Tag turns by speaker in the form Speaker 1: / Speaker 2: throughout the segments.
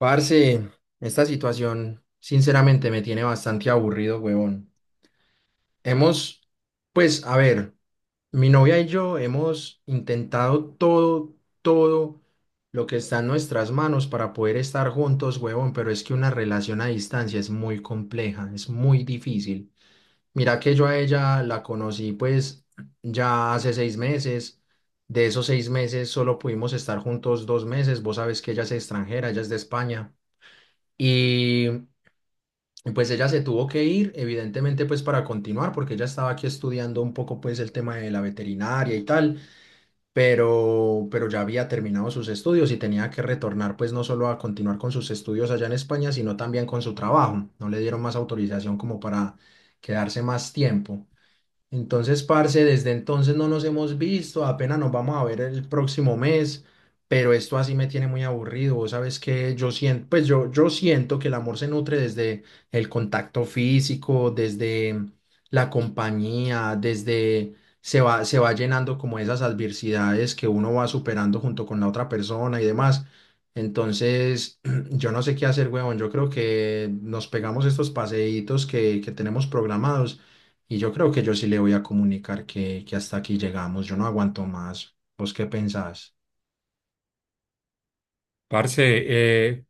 Speaker 1: Parce, esta situación sinceramente me tiene bastante aburrido, huevón. Hemos, pues, a ver, mi novia y yo hemos intentado todo, todo lo que está en nuestras manos para poder estar juntos, huevón, pero es que una relación a distancia es muy compleja, es muy difícil. Mira que yo a ella la conocí, pues, ya hace 6 meses. De esos 6 meses solo pudimos estar juntos 2 meses. Vos sabes que ella es extranjera, ella es de España. Y y pues ella se tuvo que ir, evidentemente, pues para continuar, porque ella estaba aquí estudiando un poco, pues el tema de la veterinaria y tal, pero ya había terminado sus estudios y tenía que retornar, pues no solo a continuar con sus estudios allá en España, sino también con su trabajo. No le dieron más autorización como para quedarse más tiempo. Entonces, parce, desde entonces no nos hemos visto, apenas nos vamos a ver el próximo mes, pero esto así me tiene muy aburrido. Vos sabes que yo siento, pues yo siento que el amor se nutre desde el contacto físico, desde la compañía, desde se va llenando como esas adversidades que uno va superando junto con la otra persona y demás. Entonces, yo no sé qué hacer, huevón. Yo creo que nos pegamos estos paseitos que tenemos programados y yo creo que yo sí le voy a comunicar que hasta aquí llegamos, yo no aguanto más. ¿Vos qué pensás?
Speaker 2: Parce, eh,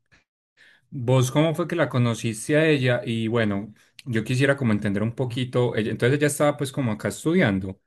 Speaker 2: ¿vos cómo fue que la conociste a ella? Y bueno, yo quisiera como entender un poquito, entonces ella estaba pues como acá estudiando.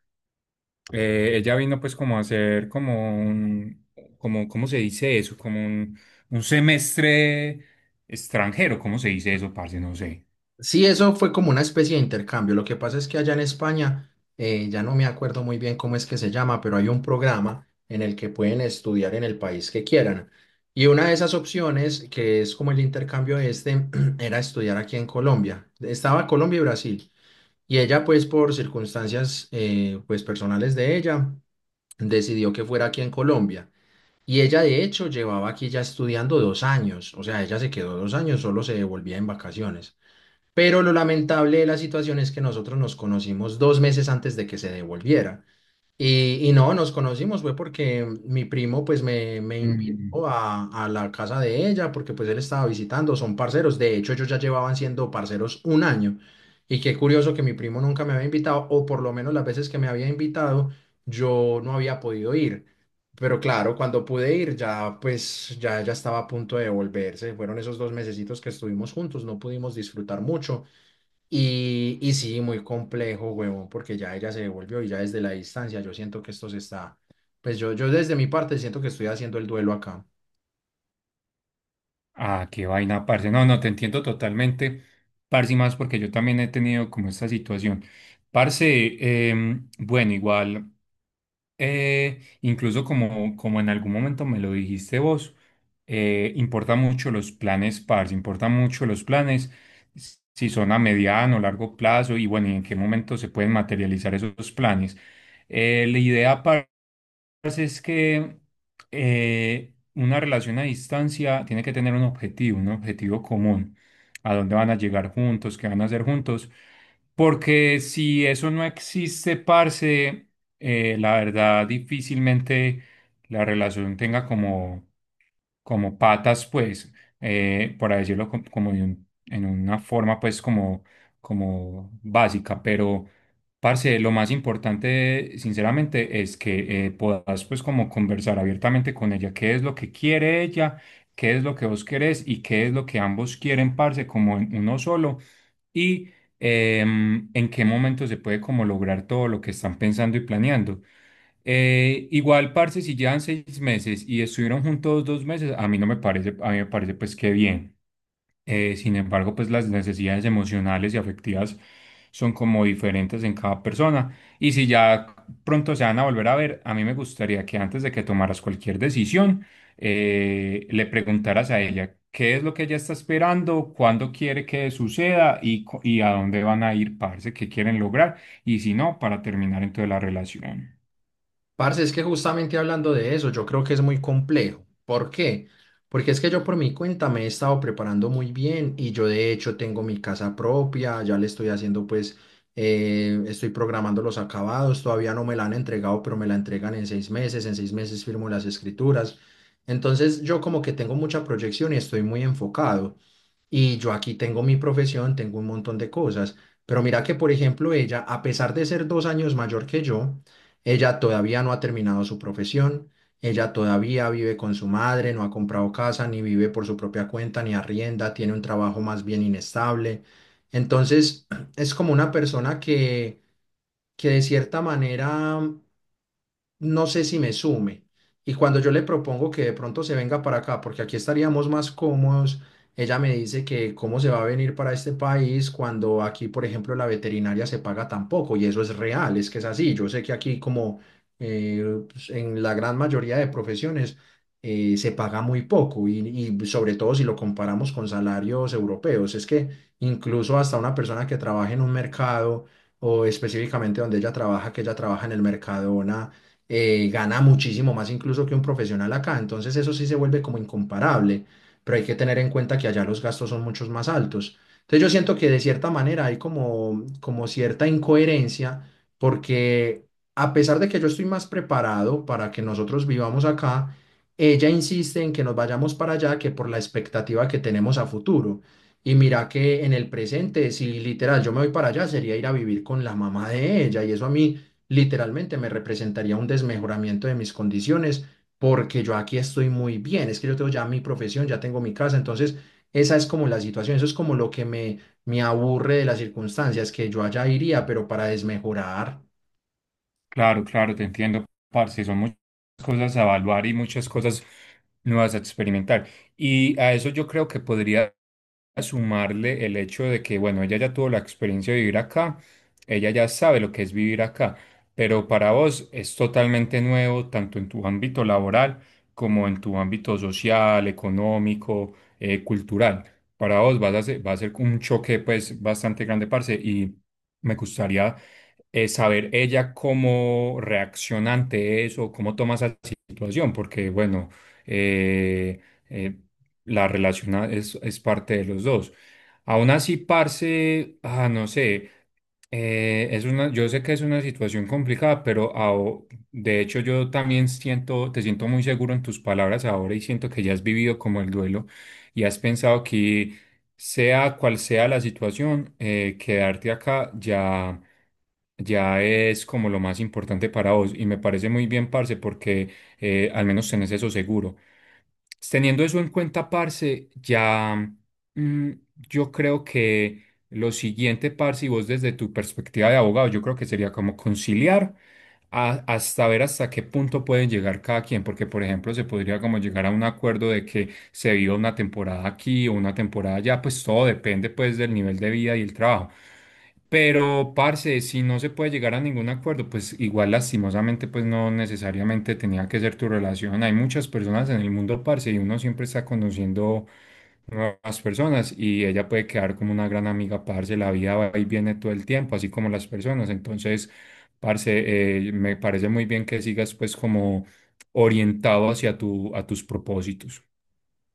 Speaker 2: Ella vino pues como a hacer como ¿cómo se dice eso? Un semestre extranjero. ¿Cómo se dice eso, parce? No sé.
Speaker 1: Sí, eso fue como una especie de intercambio. Lo que pasa es que allá en España, ya no me acuerdo muy bien cómo es que se llama, pero hay un programa en el que pueden estudiar en el país que quieran. Y una de esas opciones, que es como el intercambio este, era estudiar aquí en Colombia. Estaba Colombia y Brasil. Y ella, pues, por circunstancias, pues, personales de ella, decidió que fuera aquí en Colombia. Y ella de hecho llevaba aquí ya estudiando 2 años, o sea, ella se quedó 2 años, solo se devolvía en vacaciones. Pero lo lamentable de la situación es que nosotros nos conocimos 2 meses antes de que se devolviera. Y no, nos conocimos fue porque mi primo pues me
Speaker 2: Mm.
Speaker 1: invitó a la casa de ella porque pues él estaba visitando, son parceros, de hecho ellos ya llevaban siendo parceros 1 año y qué curioso que mi primo nunca me había invitado o por lo menos las veces que me había invitado yo no había podido ir, pero claro, cuando pude ir ya pues ya estaba a punto de volverse, fueron esos dos mesecitos que estuvimos juntos, no pudimos disfrutar mucho y sí, muy complejo, huevón, porque ya ella se devolvió y ya desde la distancia yo siento que esto se está, pues yo desde mi parte siento que estoy haciendo el duelo acá.
Speaker 2: Ah, qué vaina, parce. No, no, te entiendo totalmente, parce, y más porque yo también he tenido como esta situación. Parce, bueno, igual. Incluso como en algún momento me lo dijiste vos, importa mucho los planes PARS, importa mucho los planes, si son a mediano, largo plazo, y bueno, y en qué momento se pueden materializar esos planes. La idea pasa es que una relación a distancia tiene que tener un objetivo común, a dónde van a llegar juntos, qué van a hacer juntos, porque si eso no existe, parce, la verdad difícilmente la relación tenga como patas, pues, por decirlo como en una forma, pues, como, como básica, pero, parce, lo más importante, sinceramente, es que puedas, pues, como conversar abiertamente con ella, qué es lo que quiere ella, qué es lo que vos querés y qué es lo que ambos quieren, parce, como en uno solo, y en qué momento se puede como lograr todo lo que están pensando y planeando. Igual, parce, si llevan 6 meses y estuvieron juntos 2 meses, a mí no me parece, a mí me parece pues que bien. Sin embargo, pues las necesidades emocionales y afectivas son como diferentes en cada persona. Y si ya pronto se van a volver a ver, a mí me gustaría que antes de que tomaras cualquier decisión, le preguntaras a ella qué es lo que ella está esperando, cuándo quiere que suceda y, y a dónde van a ir, parce, qué quieren lograr. Y si no, para terminar entonces la relación.
Speaker 1: Parce, es que justamente hablando de eso, yo creo que es muy complejo. ¿Por qué? Porque es que yo por mi cuenta me he estado preparando muy bien y yo de hecho tengo mi casa propia, ya le estoy haciendo pues, estoy programando los acabados, todavía no me la han entregado, pero me la entregan en 6 meses, en seis meses firmo las escrituras. Entonces yo como que tengo mucha proyección y estoy muy enfocado. Y yo aquí tengo mi profesión, tengo un montón de cosas. Pero mira que, por ejemplo, ella, a pesar de ser 2 años mayor que yo, ella todavía no ha terminado su profesión, ella todavía vive con su madre, no ha comprado casa, ni vive por su propia cuenta, ni arrienda, tiene un trabajo más bien inestable. Entonces, es como una persona que de cierta manera no sé si me sume. Y cuando yo le propongo que de pronto se venga para acá, porque aquí estaríamos más cómodos, ella me dice que cómo se va a venir para este país cuando aquí, por ejemplo, la veterinaria se paga tan poco. Y eso es real, es que es así. Yo sé que aquí, como eh, pues, en la gran mayoría de profesiones, se paga muy poco. Y sobre todo si lo comparamos con salarios europeos, es que incluso hasta una persona que trabaja en un mercado o específicamente donde ella trabaja, que ella trabaja en el Mercadona gana muchísimo más incluso que un profesional acá. Entonces eso sí se vuelve como incomparable, pero hay que tener en cuenta que allá los gastos son muchos más altos. Entonces yo siento que de cierta manera hay como, como cierta incoherencia porque a pesar de que yo estoy más preparado para que nosotros vivamos acá, ella insiste en que nos vayamos para allá que por la expectativa que tenemos a futuro. Y mira que en el presente, si literal yo me voy para allá, sería ir a vivir con la mamá de ella. Y eso a mí literalmente me representaría un desmejoramiento de mis condiciones porque yo aquí estoy muy bien, es que yo tengo ya mi profesión, ya tengo mi casa, entonces esa es como la situación, eso es como lo que me aburre de las circunstancias, que yo allá iría, pero para desmejorar.
Speaker 2: Claro, claro, te entiendo, parce. Son muchas cosas a evaluar y muchas cosas nuevas a experimentar. Y a eso yo creo que podría sumarle el hecho de que, bueno, ella ya tuvo la experiencia de vivir acá, ella ya sabe lo que es vivir acá, pero para vos es totalmente nuevo, tanto en tu ámbito laboral como en tu ámbito social, económico, cultural. Para vos va a ser un choque, pues, bastante grande, parce, y me gustaría saber ella cómo reacciona ante eso, cómo toma esa situación, porque bueno, eh, eh, la relación es parte de los dos. Aún así, parce, ah, no sé, yo sé que es una situación complicada, pero de hecho yo también siento, te siento muy seguro en tus palabras ahora y siento que ya has vivido como el duelo y has pensado que sea cual sea la situación, quedarte acá ya es como lo más importante para vos. Y me parece muy bien, parce, porque al menos tenés eso seguro. Teniendo eso en cuenta, parce, ya mm, yo creo que lo siguiente, parce, y vos desde tu perspectiva de abogado, yo creo que sería como conciliar hasta ver hasta qué punto pueden llegar cada quien, porque por ejemplo se podría como llegar a un acuerdo de que se viva una temporada aquí o una temporada allá, pues todo depende pues del nivel de vida y el trabajo. Pero, parce, si no se puede llegar a ningún acuerdo, pues igual lastimosamente, pues no necesariamente tenía que ser tu relación. Hay muchas personas en el mundo, parce, y uno siempre está conociendo nuevas personas y ella puede quedar como una gran amiga, parce, la vida va y viene todo el tiempo, así como las personas. Entonces, parce, me parece muy bien que sigas pues como orientado hacia a tus propósitos.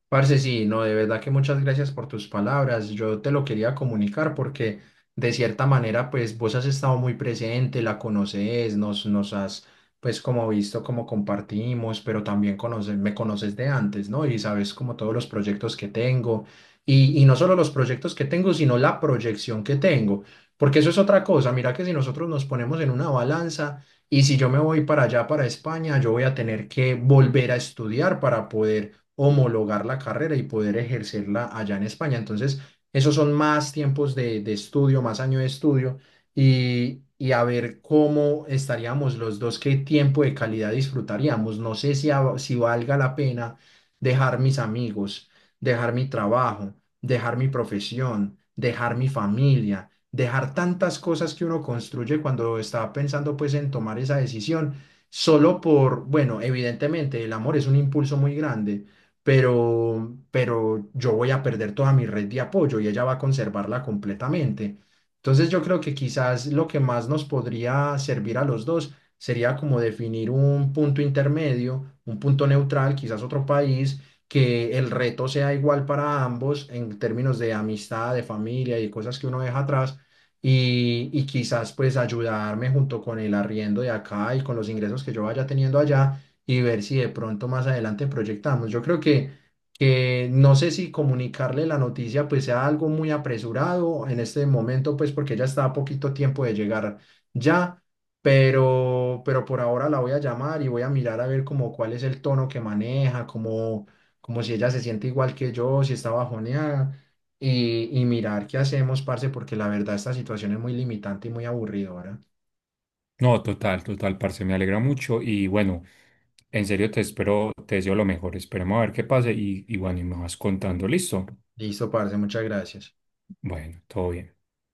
Speaker 1: Parce, sí, no, de verdad que muchas gracias por tus palabras. Yo te lo quería comunicar porque de cierta manera, pues vos has estado muy presente, la conoces, pues como visto, como compartimos, pero también conoces, me conoces de antes, ¿no? Y sabes como todos los proyectos que tengo. Y no solo los proyectos que tengo, sino la proyección que tengo. Porque eso es otra cosa. Mira que si nosotros nos ponemos en una balanza... Y si yo me voy para allá, para España, yo voy a tener que volver a estudiar para poder homologar la carrera y poder ejercerla allá en España. Entonces, esos son más tiempos de estudio, más año de estudio y a ver cómo estaríamos los dos, qué tiempo de calidad disfrutaríamos. No sé si, a- si valga la pena dejar mis amigos, dejar mi trabajo, dejar mi profesión, dejar mi familia. Dejar tantas cosas que uno construye cuando está pensando pues en tomar esa decisión, solo por, bueno, evidentemente el amor es un impulso muy grande, pero yo voy a perder toda mi red de apoyo y ella va a conservarla completamente. Entonces yo creo que quizás lo que más nos podría servir a los dos sería como definir un punto intermedio, un punto neutral, quizás otro país, que el reto sea igual para ambos en términos de amistad, de familia y cosas que uno deja atrás. Y quizás pues ayudarme junto con el arriendo de acá y con los ingresos que yo vaya teniendo allá y ver si de pronto más adelante proyectamos. Yo creo que no sé si comunicarle la noticia pues sea algo muy apresurado en este momento, pues porque ella está a poquito tiempo de llegar ya, pero por ahora la voy a llamar y voy a mirar a ver como cuál es el tono que maneja, como si ella se siente igual que yo, si está bajoneada. Y mirar qué hacemos, parce, porque la verdad esta situación es muy limitante y muy aburridora.
Speaker 2: No, total, total, parce, me alegra mucho y bueno, en serio te espero, te deseo lo mejor, esperemos a ver qué pase y bueno, y me vas contando, listo.
Speaker 1: Listo, parce, muchas gracias.
Speaker 2: Bueno, todo bien.